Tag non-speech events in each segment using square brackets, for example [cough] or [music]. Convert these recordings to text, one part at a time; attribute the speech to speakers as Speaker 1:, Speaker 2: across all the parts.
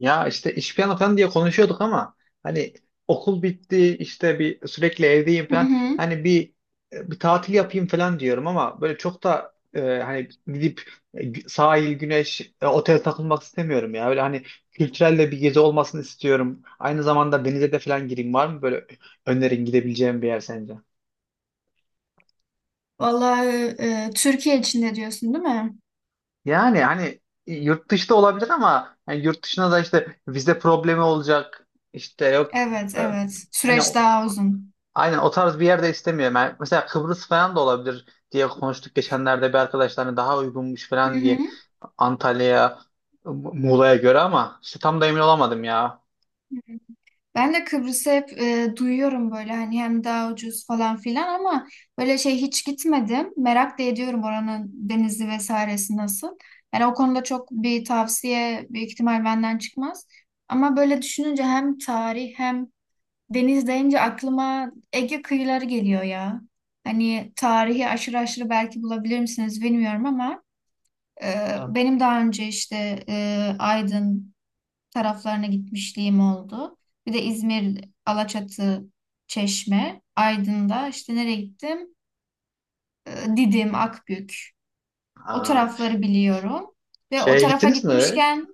Speaker 1: Ya işte iş planı falan diye konuşuyorduk ama hani okul bitti, işte sürekli evdeyim
Speaker 2: Hı
Speaker 1: falan.
Speaker 2: hı.
Speaker 1: Hani bir bir tatil yapayım falan diyorum, ama böyle çok da hani gidip sahil, güneş, otel takılmak istemiyorum ya. Böyle hani kültürel de bir gezi olmasını istiyorum. Aynı zamanda denize de falan gireyim. Var mı böyle önerin gidebileceğim bir yer sence?
Speaker 2: Vallahi Türkiye içinde diyorsun değil mi?
Speaker 1: Yani hani yurt dışında olabilir, ama hani yurt dışına da işte vize problemi olacak. İşte yok
Speaker 2: Evet,
Speaker 1: e,
Speaker 2: evet.
Speaker 1: hani
Speaker 2: Süreç daha uzun.
Speaker 1: aynen o tarz bir yerde istemiyorum. Yani mesela Kıbrıs falan da olabilir diye konuştuk geçenlerde, bir arkadaşlarına daha uygunmuş
Speaker 2: Hı
Speaker 1: falan diye,
Speaker 2: hı.
Speaker 1: Antalya'ya, Muğla'ya göre. Ama işte tam da emin olamadım ya.
Speaker 2: Ben de Kıbrıs'ı hep duyuyorum böyle hani hem daha ucuz falan filan ama böyle şey hiç gitmedim. Merak da ediyorum oranın denizi vesairesi nasıl. Yani o konuda çok bir tavsiye büyük ihtimal benden çıkmaz. Ama böyle düşününce hem tarih hem deniz deyince aklıma Ege kıyıları geliyor ya. Hani tarihi aşırı aşırı belki bulabilir misiniz bilmiyorum ama e, benim daha önce işte Aydın taraflarına gitmişliğim oldu. Bir de İzmir, Alaçatı, Çeşme, Aydın'da işte nereye gittim? Didim, Akbük. O
Speaker 1: Aa,
Speaker 2: tarafları biliyorum. Ve o
Speaker 1: şeye
Speaker 2: tarafa
Speaker 1: gittiniz mi?
Speaker 2: gitmişken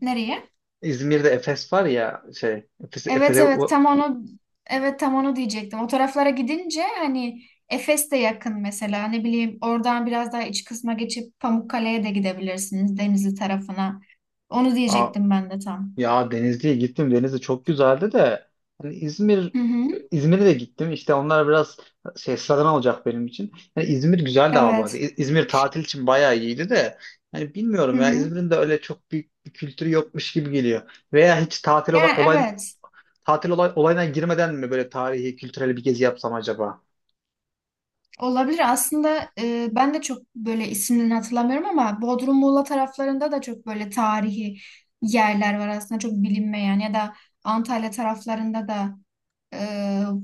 Speaker 2: nereye?
Speaker 1: İzmir'de Efes var ya, şey Efes,
Speaker 2: Evet,
Speaker 1: Efes'e.
Speaker 2: evet, tam onu, evet, tam onu diyecektim. O taraflara gidince hani Efes de yakın mesela ne bileyim oradan biraz daha iç kısma geçip Pamukkale'ye de gidebilirsiniz Denizli tarafına. Onu diyecektim ben de tam.
Speaker 1: Ya Denizli'ye gittim. Denizli çok güzeldi de hani
Speaker 2: Hı hı.
Speaker 1: İzmir'e de gittim. İşte onlar biraz şey, sıradan olacak benim için. Yani İzmir güzeldi ama bu arada.
Speaker 2: Evet.
Speaker 1: İzmir tatil için bayağı iyiydi de hani
Speaker 2: Hı
Speaker 1: bilmiyorum ya,
Speaker 2: hı.
Speaker 1: İzmir'in de öyle çok büyük bir kültürü yokmuş gibi geliyor. Veya hiç tatil olay,
Speaker 2: Yani
Speaker 1: olay
Speaker 2: evet.
Speaker 1: tatil olayına girmeden mi böyle tarihi, kültürel bir gezi yapsam acaba?
Speaker 2: Olabilir. Aslında ben de çok böyle isimlerini hatırlamıyorum ama Bodrum Muğla taraflarında da çok böyle tarihi yerler var aslında çok bilinmeyen ya da Antalya taraflarında da e,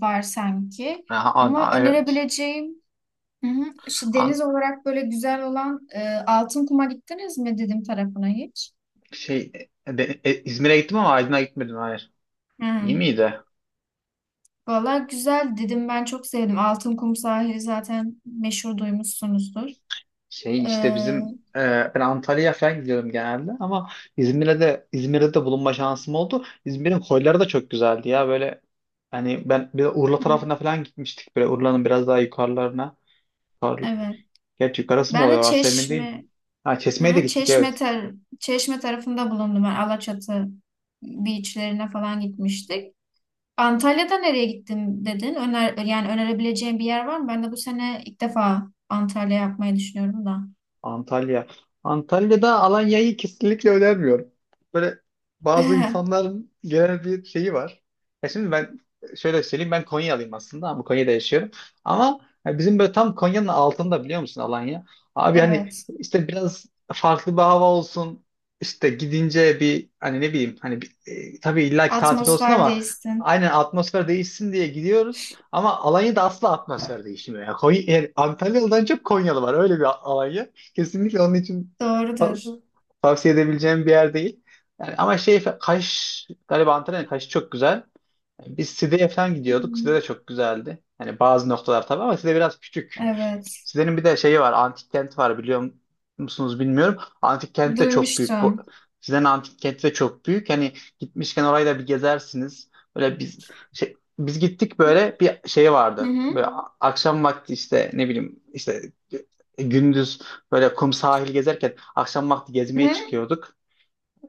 Speaker 2: var sanki.
Speaker 1: Aha,
Speaker 2: Ama
Speaker 1: evet.
Speaker 2: önerebileceğim hı hı, işte
Speaker 1: An,
Speaker 2: deniz olarak böyle güzel olan Altınkum'a gittiniz mi dedim tarafına hiç?
Speaker 1: şey, İzmir'e gittim ama Aydın'a gitmedim. Hayır.
Speaker 2: Hı.
Speaker 1: İyi miydi?
Speaker 2: Valla güzel dedim, ben çok sevdim. Altınkum sahili zaten meşhur, duymuşsunuzdur.
Speaker 1: Şey işte
Speaker 2: Hı
Speaker 1: bizim ben Antalya'ya falan gidiyorum genelde, ama İzmir'de de bulunma şansım oldu. İzmir'in koyları da çok güzeldi ya böyle. Hani ben bir de Urla tarafına
Speaker 2: hı,
Speaker 1: falan gitmiştik, böyle Urla'nın biraz daha yukarılarına. Yukarı,
Speaker 2: evet.
Speaker 1: gerçi yukarısı mı
Speaker 2: Ben
Speaker 1: oluyor
Speaker 2: de
Speaker 1: orası emin değilim.
Speaker 2: Çeşme,
Speaker 1: Ha, Çeşme'ye de
Speaker 2: ha,
Speaker 1: gittik,
Speaker 2: Çeşme,
Speaker 1: evet.
Speaker 2: tar Çeşme tarafında bulundum. Ben Alaçatı beachlerine falan gitmiştik. Antalya'da nereye gittin dedin? Öner, yani önerebileceğin bir yer var mı? Ben de bu sene ilk defa Antalya yapmayı düşünüyorum da.
Speaker 1: Antalya. Antalya'da Alanya'yı kesinlikle önermiyorum. Böyle bazı
Speaker 2: [laughs]
Speaker 1: insanların genel bir şeyi var. Ya şimdi ben şöyle söyleyeyim, ben Konyalıyım aslında ama Konya'da yaşıyorum. Ama ya bizim böyle tam Konya'nın altında, biliyor musun Alanya? Abi hani
Speaker 2: Evet.
Speaker 1: işte biraz farklı bir hava olsun. İşte gidince bir hani ne bileyim hani tabii illaki tatil olsun
Speaker 2: Atmosfer
Speaker 1: ama
Speaker 2: değişsin.
Speaker 1: aynen atmosfer değişsin diye gidiyoruz. Ama Alanya'da asla atmosfer değişmiyor. Ya Konya, yani Antalyalı'dan çok Konyalı var öyle bir Alanya. Kesinlikle onun için
Speaker 2: Doğrudur.
Speaker 1: tavsiye edebileceğim bir yer değil. Yani ama şey, Kaş galiba, Antalya'nın Kaş'ı çok güzel. Biz Side'ye falan gidiyorduk. Side
Speaker 2: Hmm.
Speaker 1: de çok güzeldi. Yani bazı noktalar tabii, ama Side biraz küçük.
Speaker 2: Evet.
Speaker 1: Sizlerin bir de şeyi var, antik kenti var, biliyor musunuz bilmiyorum. Antik kent de çok büyük. Bu,
Speaker 2: Duymuştum.
Speaker 1: sizlerin antik kenti de çok büyük. Hani gitmişken orayı da bir gezersiniz. Böyle biz şey, biz gittik, böyle bir şey
Speaker 2: Hı
Speaker 1: vardı.
Speaker 2: hı.
Speaker 1: Böyle akşam vakti işte ne bileyim işte gündüz böyle kum sahil gezerken akşam vakti
Speaker 2: Hı
Speaker 1: gezmeye
Speaker 2: hı.
Speaker 1: çıkıyorduk,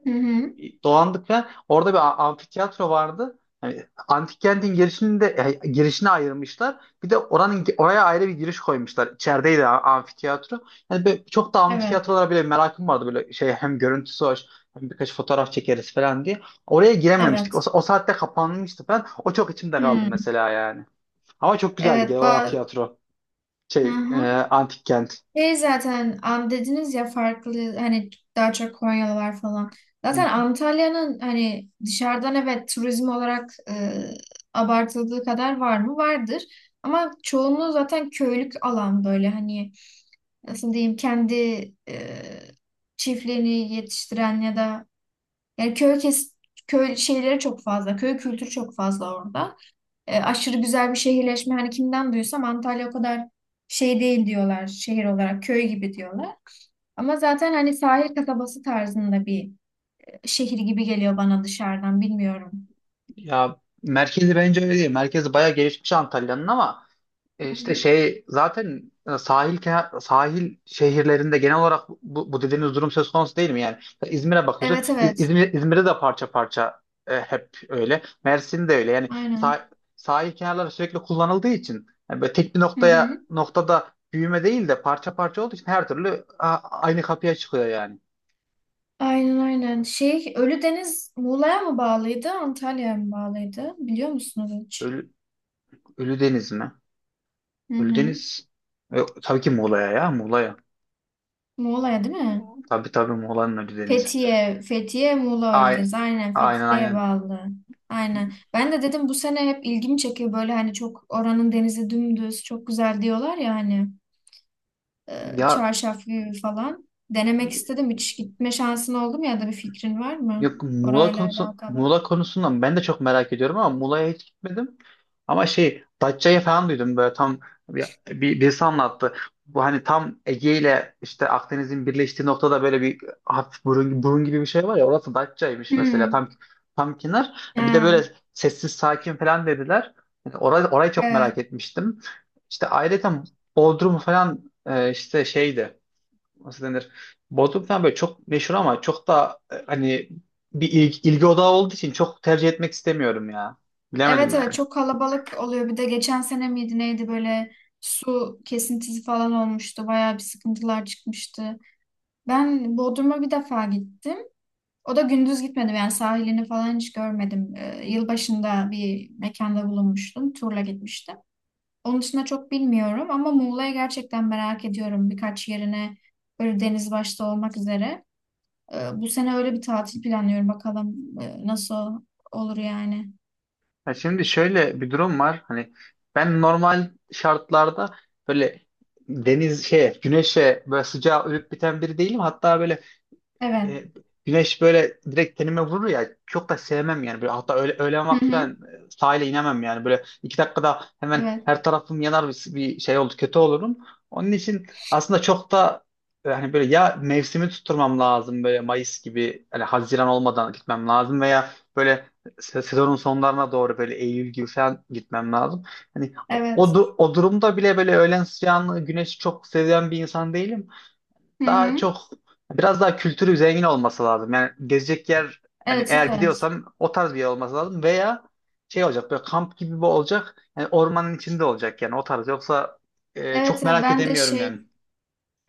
Speaker 2: Hı hı.
Speaker 1: dolandık ve orada bir amfiteyatro vardı. Yani antik kentin girişini de girişini ayırmışlar. Bir de oranın, oraya ayrı bir giriş koymuşlar. İçerideydi amfiteyatro. Yani çok da
Speaker 2: Evet.
Speaker 1: amfiteyatrolara bile merakım vardı böyle şey, hem görüntüsü hoş hem birkaç fotoğraf çekeriz falan diye. Oraya girememiştik.
Speaker 2: Evet.
Speaker 1: O saatte kapanmıştı falan. O çok içimde kaldı
Speaker 2: Hmm.
Speaker 1: mesela yani. Ama çok güzeldi
Speaker 2: Evet.
Speaker 1: genel olarak tiyatro,
Speaker 2: Hı
Speaker 1: şey
Speaker 2: hı.
Speaker 1: antik kent.
Speaker 2: Şey zaten dediniz ya farklı, hani daha çok Konyalılar falan. Zaten Antalya'nın hani dışarıdan, evet, turizm olarak abartıldığı kadar var mı? Vardır. Ama çoğunluğu zaten köylük alan, böyle hani nasıl diyeyim, kendi e, çiftliğini yetiştiren ya da yani köy şeyleri çok fazla. Köy kültürü çok fazla orada. Aşırı güzel bir şehirleşme, hani kimden duysam Antalya o kadar şey değil diyorlar, şehir olarak köy gibi diyorlar. Ama zaten hani sahil kasabası tarzında bir şehir gibi geliyor bana dışarıdan, bilmiyorum.
Speaker 1: Ya merkezi bence öyle değil. Merkezi bayağı gelişmiş Antalya'nın ama
Speaker 2: Hı
Speaker 1: işte
Speaker 2: hı.
Speaker 1: şey zaten sahil sahil şehirlerinde genel olarak bu dediğiniz durum söz konusu değil mi yani? İzmir'e bakıyorsun.
Speaker 2: Evet, evet.
Speaker 1: İzmir'de de parça parça hep öyle. Mersin de öyle. Yani
Speaker 2: Aynen.
Speaker 1: sahil kenarları sürekli kullanıldığı için, yani böyle tek bir
Speaker 2: Hı hı.
Speaker 1: noktada büyüme değil de parça parça olduğu için, her türlü aynı kapıya çıkıyor yani.
Speaker 2: Aynen, aynen. Şey, Ölüdeniz Muğla'ya mı bağlıydı, Antalya'ya mı bağlıydı? Biliyor musunuz hiç?
Speaker 1: Ölü, Ölüdeniz mi?
Speaker 2: Hı hı.
Speaker 1: Ölüdeniz e, tabii ki Muğla'ya, ya Muğla'ya.
Speaker 2: Muğla'ya değil mi?
Speaker 1: Tabii tabii, Muğla'nın Ölüdeniz'i.
Speaker 2: Fethiye, Fethiye, Muğla
Speaker 1: Ay,
Speaker 2: Ölüdeniz. Aynen
Speaker 1: aynen
Speaker 2: Fethiye'ye
Speaker 1: aynen.
Speaker 2: bağlı. Aynen. Ben de dedim bu sene hep ilgimi çekiyor böyle, hani çok oranın denizi dümdüz, çok güzel diyorlar ya hani.
Speaker 1: Ya
Speaker 2: Çarşaf gibi falan. Denemek istedim. Hiç gitme şansın oldu mu ya da bir fikrin var mı
Speaker 1: Yok, Muğla
Speaker 2: orayla
Speaker 1: konusu,
Speaker 2: alakalı?
Speaker 1: Muğla konusundan ben de çok merak ediyorum ama Muğla'ya hiç gitmedim. Ama şey, Datça'yı falan duydum, böyle tam birisi anlattı. Bu hani tam Ege ile işte Akdeniz'in birleştiği noktada böyle bir hafif burun gibi bir şey var ya, orası Datça'ymış mesela,
Speaker 2: Hmm.
Speaker 1: tam tam kenar. Bir de
Speaker 2: Ha,
Speaker 1: böyle sessiz sakin falan dediler. Yani orayı çok merak
Speaker 2: evet.
Speaker 1: etmiştim. İşte ayrıca Bodrum falan işte şeydi, nasıl denir? Bodrum falan böyle çok meşhur, ama çok da hani bir ilgi odağı olduğu için çok tercih etmek istemiyorum ya. Bilemedim
Speaker 2: Evet, evet,
Speaker 1: yani.
Speaker 2: çok kalabalık oluyor. Bir de geçen sene miydi neydi, böyle su kesintisi falan olmuştu. Bayağı bir sıkıntılar çıkmıştı. Ben Bodrum'a bir defa gittim. O da gündüz gitmedim, yani sahilini falan hiç görmedim. Yılbaşında bir mekanda bulunmuştum. Turla gitmiştim. Onun dışında çok bilmiyorum ama Muğla'ya gerçekten merak ediyorum, birkaç yerine böyle, deniz başta olmak üzere. Bu sene öyle bir tatil planlıyorum, bakalım nasıl olur yani.
Speaker 1: Ya şimdi şöyle bir durum var. Hani ben normal şartlarda böyle deniz şeye, güneşe, böyle sıcağa ölüp biten biri değilim. Hatta böyle
Speaker 2: Evet.
Speaker 1: e, güneş böyle direkt tenime vurur ya, çok da sevmem yani. Böyle, hatta öğlen
Speaker 2: Hı
Speaker 1: vakti ben
Speaker 2: hı.
Speaker 1: sahile inemem yani. Böyle iki dakikada hemen
Speaker 2: Evet.
Speaker 1: her tarafım yanar, bir şey oldu kötü olurum. Onun için aslında çok da yani böyle ya mevsimi tutturmam lazım, böyle Mayıs gibi, hani Haziran olmadan gitmem lazım, veya böyle sezonun sonlarına doğru böyle Eylül gibi falan gitmem lazım. Hani
Speaker 2: Evet.
Speaker 1: o durumda bile böyle öğlen sıcağını, güneşi çok seven bir insan değilim.
Speaker 2: Hı
Speaker 1: Daha
Speaker 2: hı.
Speaker 1: çok biraz daha kültürü zengin olması lazım. Yani gezecek yer, yani
Speaker 2: Evet,
Speaker 1: eğer
Speaker 2: evet.
Speaker 1: gidiyorsam o tarz bir yer olması lazım, veya şey olacak, böyle kamp gibi bir olacak. Yani ormanın içinde olacak, yani o tarz. Yoksa
Speaker 2: Evet,
Speaker 1: çok
Speaker 2: evet.
Speaker 1: merak edemiyorum yani.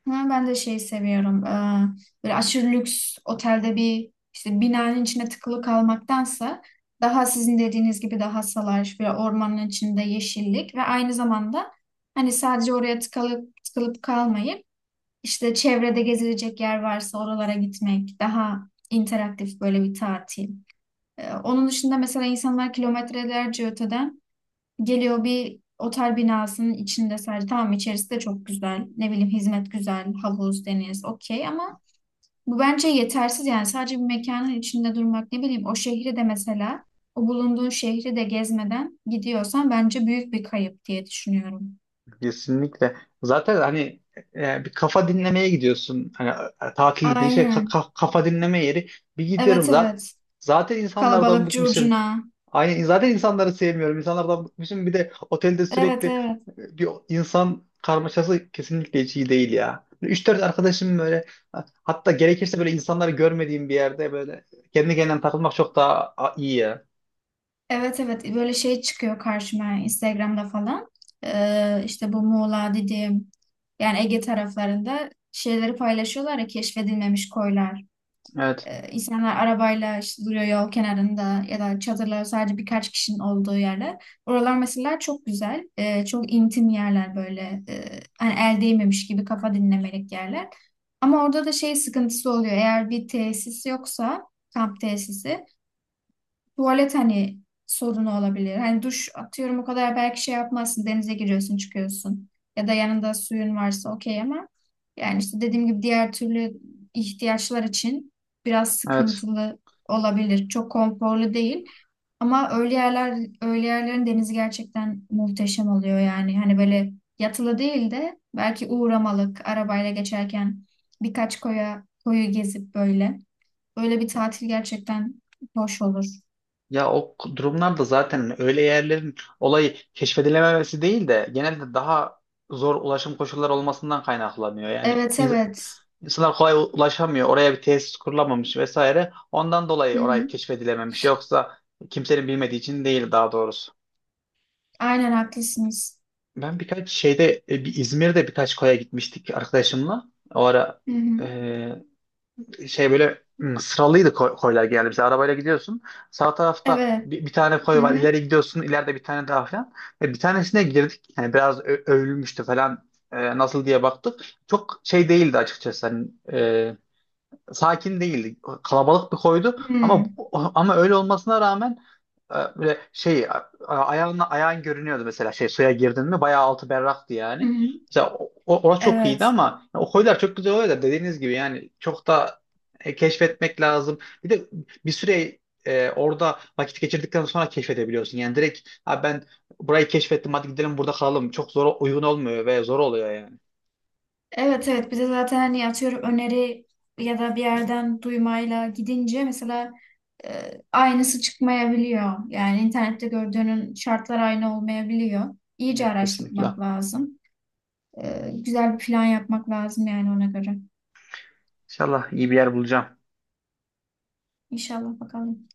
Speaker 2: Ben de şey seviyorum. Böyle aşırı lüks otelde bir işte binanın içine tıkılı kalmaktansa daha sizin dediğiniz gibi daha salaş ve ormanın içinde, yeşillik, ve aynı zamanda hani sadece oraya tıkalıp tıkılıp kalmayıp işte çevrede gezilecek yer varsa oralara gitmek, daha interaktif böyle bir tatil. Onun dışında mesela insanlar kilometrelerce öteden geliyor bir otel binasının içinde sadece. Tamam, içerisi de çok güzel, ne bileyim hizmet güzel, havuz, deniz okey, ama bu bence yetersiz yani. Sadece bir mekanın içinde durmak, ne bileyim, o şehri de mesela, o bulunduğun şehri de gezmeden gidiyorsan bence büyük bir kayıp diye düşünüyorum.
Speaker 1: Kesinlikle. Zaten hani bir kafa dinlemeye gidiyorsun. Hani tatil dediğin şey
Speaker 2: Aynen.
Speaker 1: kafa dinleme yeri. Bir gidiyorum
Speaker 2: Evet, evet.
Speaker 1: zaten insanlardan
Speaker 2: Kalabalık,
Speaker 1: bıkmışım.
Speaker 2: curcuna.
Speaker 1: Aynen, zaten insanları sevmiyorum. İnsanlardan bıkmışım. Bir de otelde sürekli
Speaker 2: Evet, evet.
Speaker 1: bir insan karmaşası kesinlikle hiç iyi değil ya. 3-4 arkadaşım böyle, hatta gerekirse böyle insanları görmediğim bir yerde böyle kendi kendine takılmak çok daha iyi ya.
Speaker 2: Evet, evet, böyle şey çıkıyor karşıma Instagram'da falan. İşte bu Muğla dediğim, yani Ege taraflarında şeyleri paylaşıyorlar ya, keşfedilmemiş koylar.
Speaker 1: Evet,
Speaker 2: İnsanlar arabayla işte duruyor yol kenarında, ya da çadırlar, sadece birkaç kişinin olduğu yerler. Oralar mesela çok güzel. Çok intim yerler böyle. Hani el değmemiş gibi, kafa dinlemelik yerler. Ama orada da şey sıkıntısı oluyor. Eğer bir tesis yoksa, kamp tesisi, tuvalet hani sorunu olabilir. Hani duş atıyorum, o kadar, belki şey yapmazsın, denize giriyorsun çıkıyorsun. Ya da yanında suyun varsa okey, ama yani işte dediğim gibi diğer türlü ihtiyaçlar için biraz
Speaker 1: evet.
Speaker 2: sıkıntılı olabilir. Çok konforlu değil. Ama öyle yerlerin denizi gerçekten muhteşem oluyor yani. Hani böyle yatılı değil de belki uğramalık, arabayla geçerken birkaç koyu gezip böyle. Böyle bir tatil gerçekten hoş olur.
Speaker 1: Ya o durumlarda zaten öyle yerlerin olayı keşfedilememesi değil de genelde daha zor ulaşım koşulları olmasından kaynaklanıyor. Yani
Speaker 2: Evet, evet.
Speaker 1: İnsanlar kolay ulaşamıyor. Oraya bir tesis kurulamamış vesaire. Ondan
Speaker 2: Hı
Speaker 1: dolayı orayı
Speaker 2: hı.
Speaker 1: keşfedilememiş. Yoksa kimsenin bilmediği için değil daha doğrusu.
Speaker 2: Aynen, haklısınız.
Speaker 1: Ben birkaç şeyde bir İzmir'de birkaç koya gitmiştik arkadaşımla. O ara
Speaker 2: Hı hı.
Speaker 1: e, şey böyle, hmm, sıralıydı, koylar geldi. Mesela arabayla gidiyorsun. Sağ tarafta
Speaker 2: Evet.
Speaker 1: bir tane koy
Speaker 2: Hı
Speaker 1: var.
Speaker 2: hı.
Speaker 1: İleri gidiyorsun, ileride bir tane daha falan. Ve bir tanesine girdik. Yani biraz övülmüştü falan. E, nasıl diye baktık. Çok şey değildi açıkçası. Sakin değildi. Kalabalık bir koydu,
Speaker 2: Hı
Speaker 1: ama
Speaker 2: hı.
Speaker 1: ama öyle olmasına rağmen böyle şey ayağın görünüyordu mesela, şey suya girdin mi bayağı altı berraktı
Speaker 2: Hı.
Speaker 1: yani. Mesela orası çok iyiydi,
Speaker 2: Evet.
Speaker 1: ama o koylar çok güzel oluyor da dediğiniz gibi yani çok da keşfetmek lazım. Bir de bir süre orada vakit geçirdikten sonra keşfedebiliyorsun. Yani direkt ha ben burayı keşfettim hadi gidelim burada kalalım. Çok zor uygun olmuyor ve zor oluyor yani.
Speaker 2: Evet, evet. Bir de zaten hani atıyorum öneri ya da bir yerden duymayla gidince mesela aynısı çıkmayabiliyor. Yani internette gördüğünün şartlar aynı olmayabiliyor. İyice
Speaker 1: Evet kesinlikle.
Speaker 2: araştırmak lazım. Güzel bir plan yapmak lazım yani ona göre.
Speaker 1: İnşallah iyi bir yer bulacağım.
Speaker 2: İnşallah bakalım.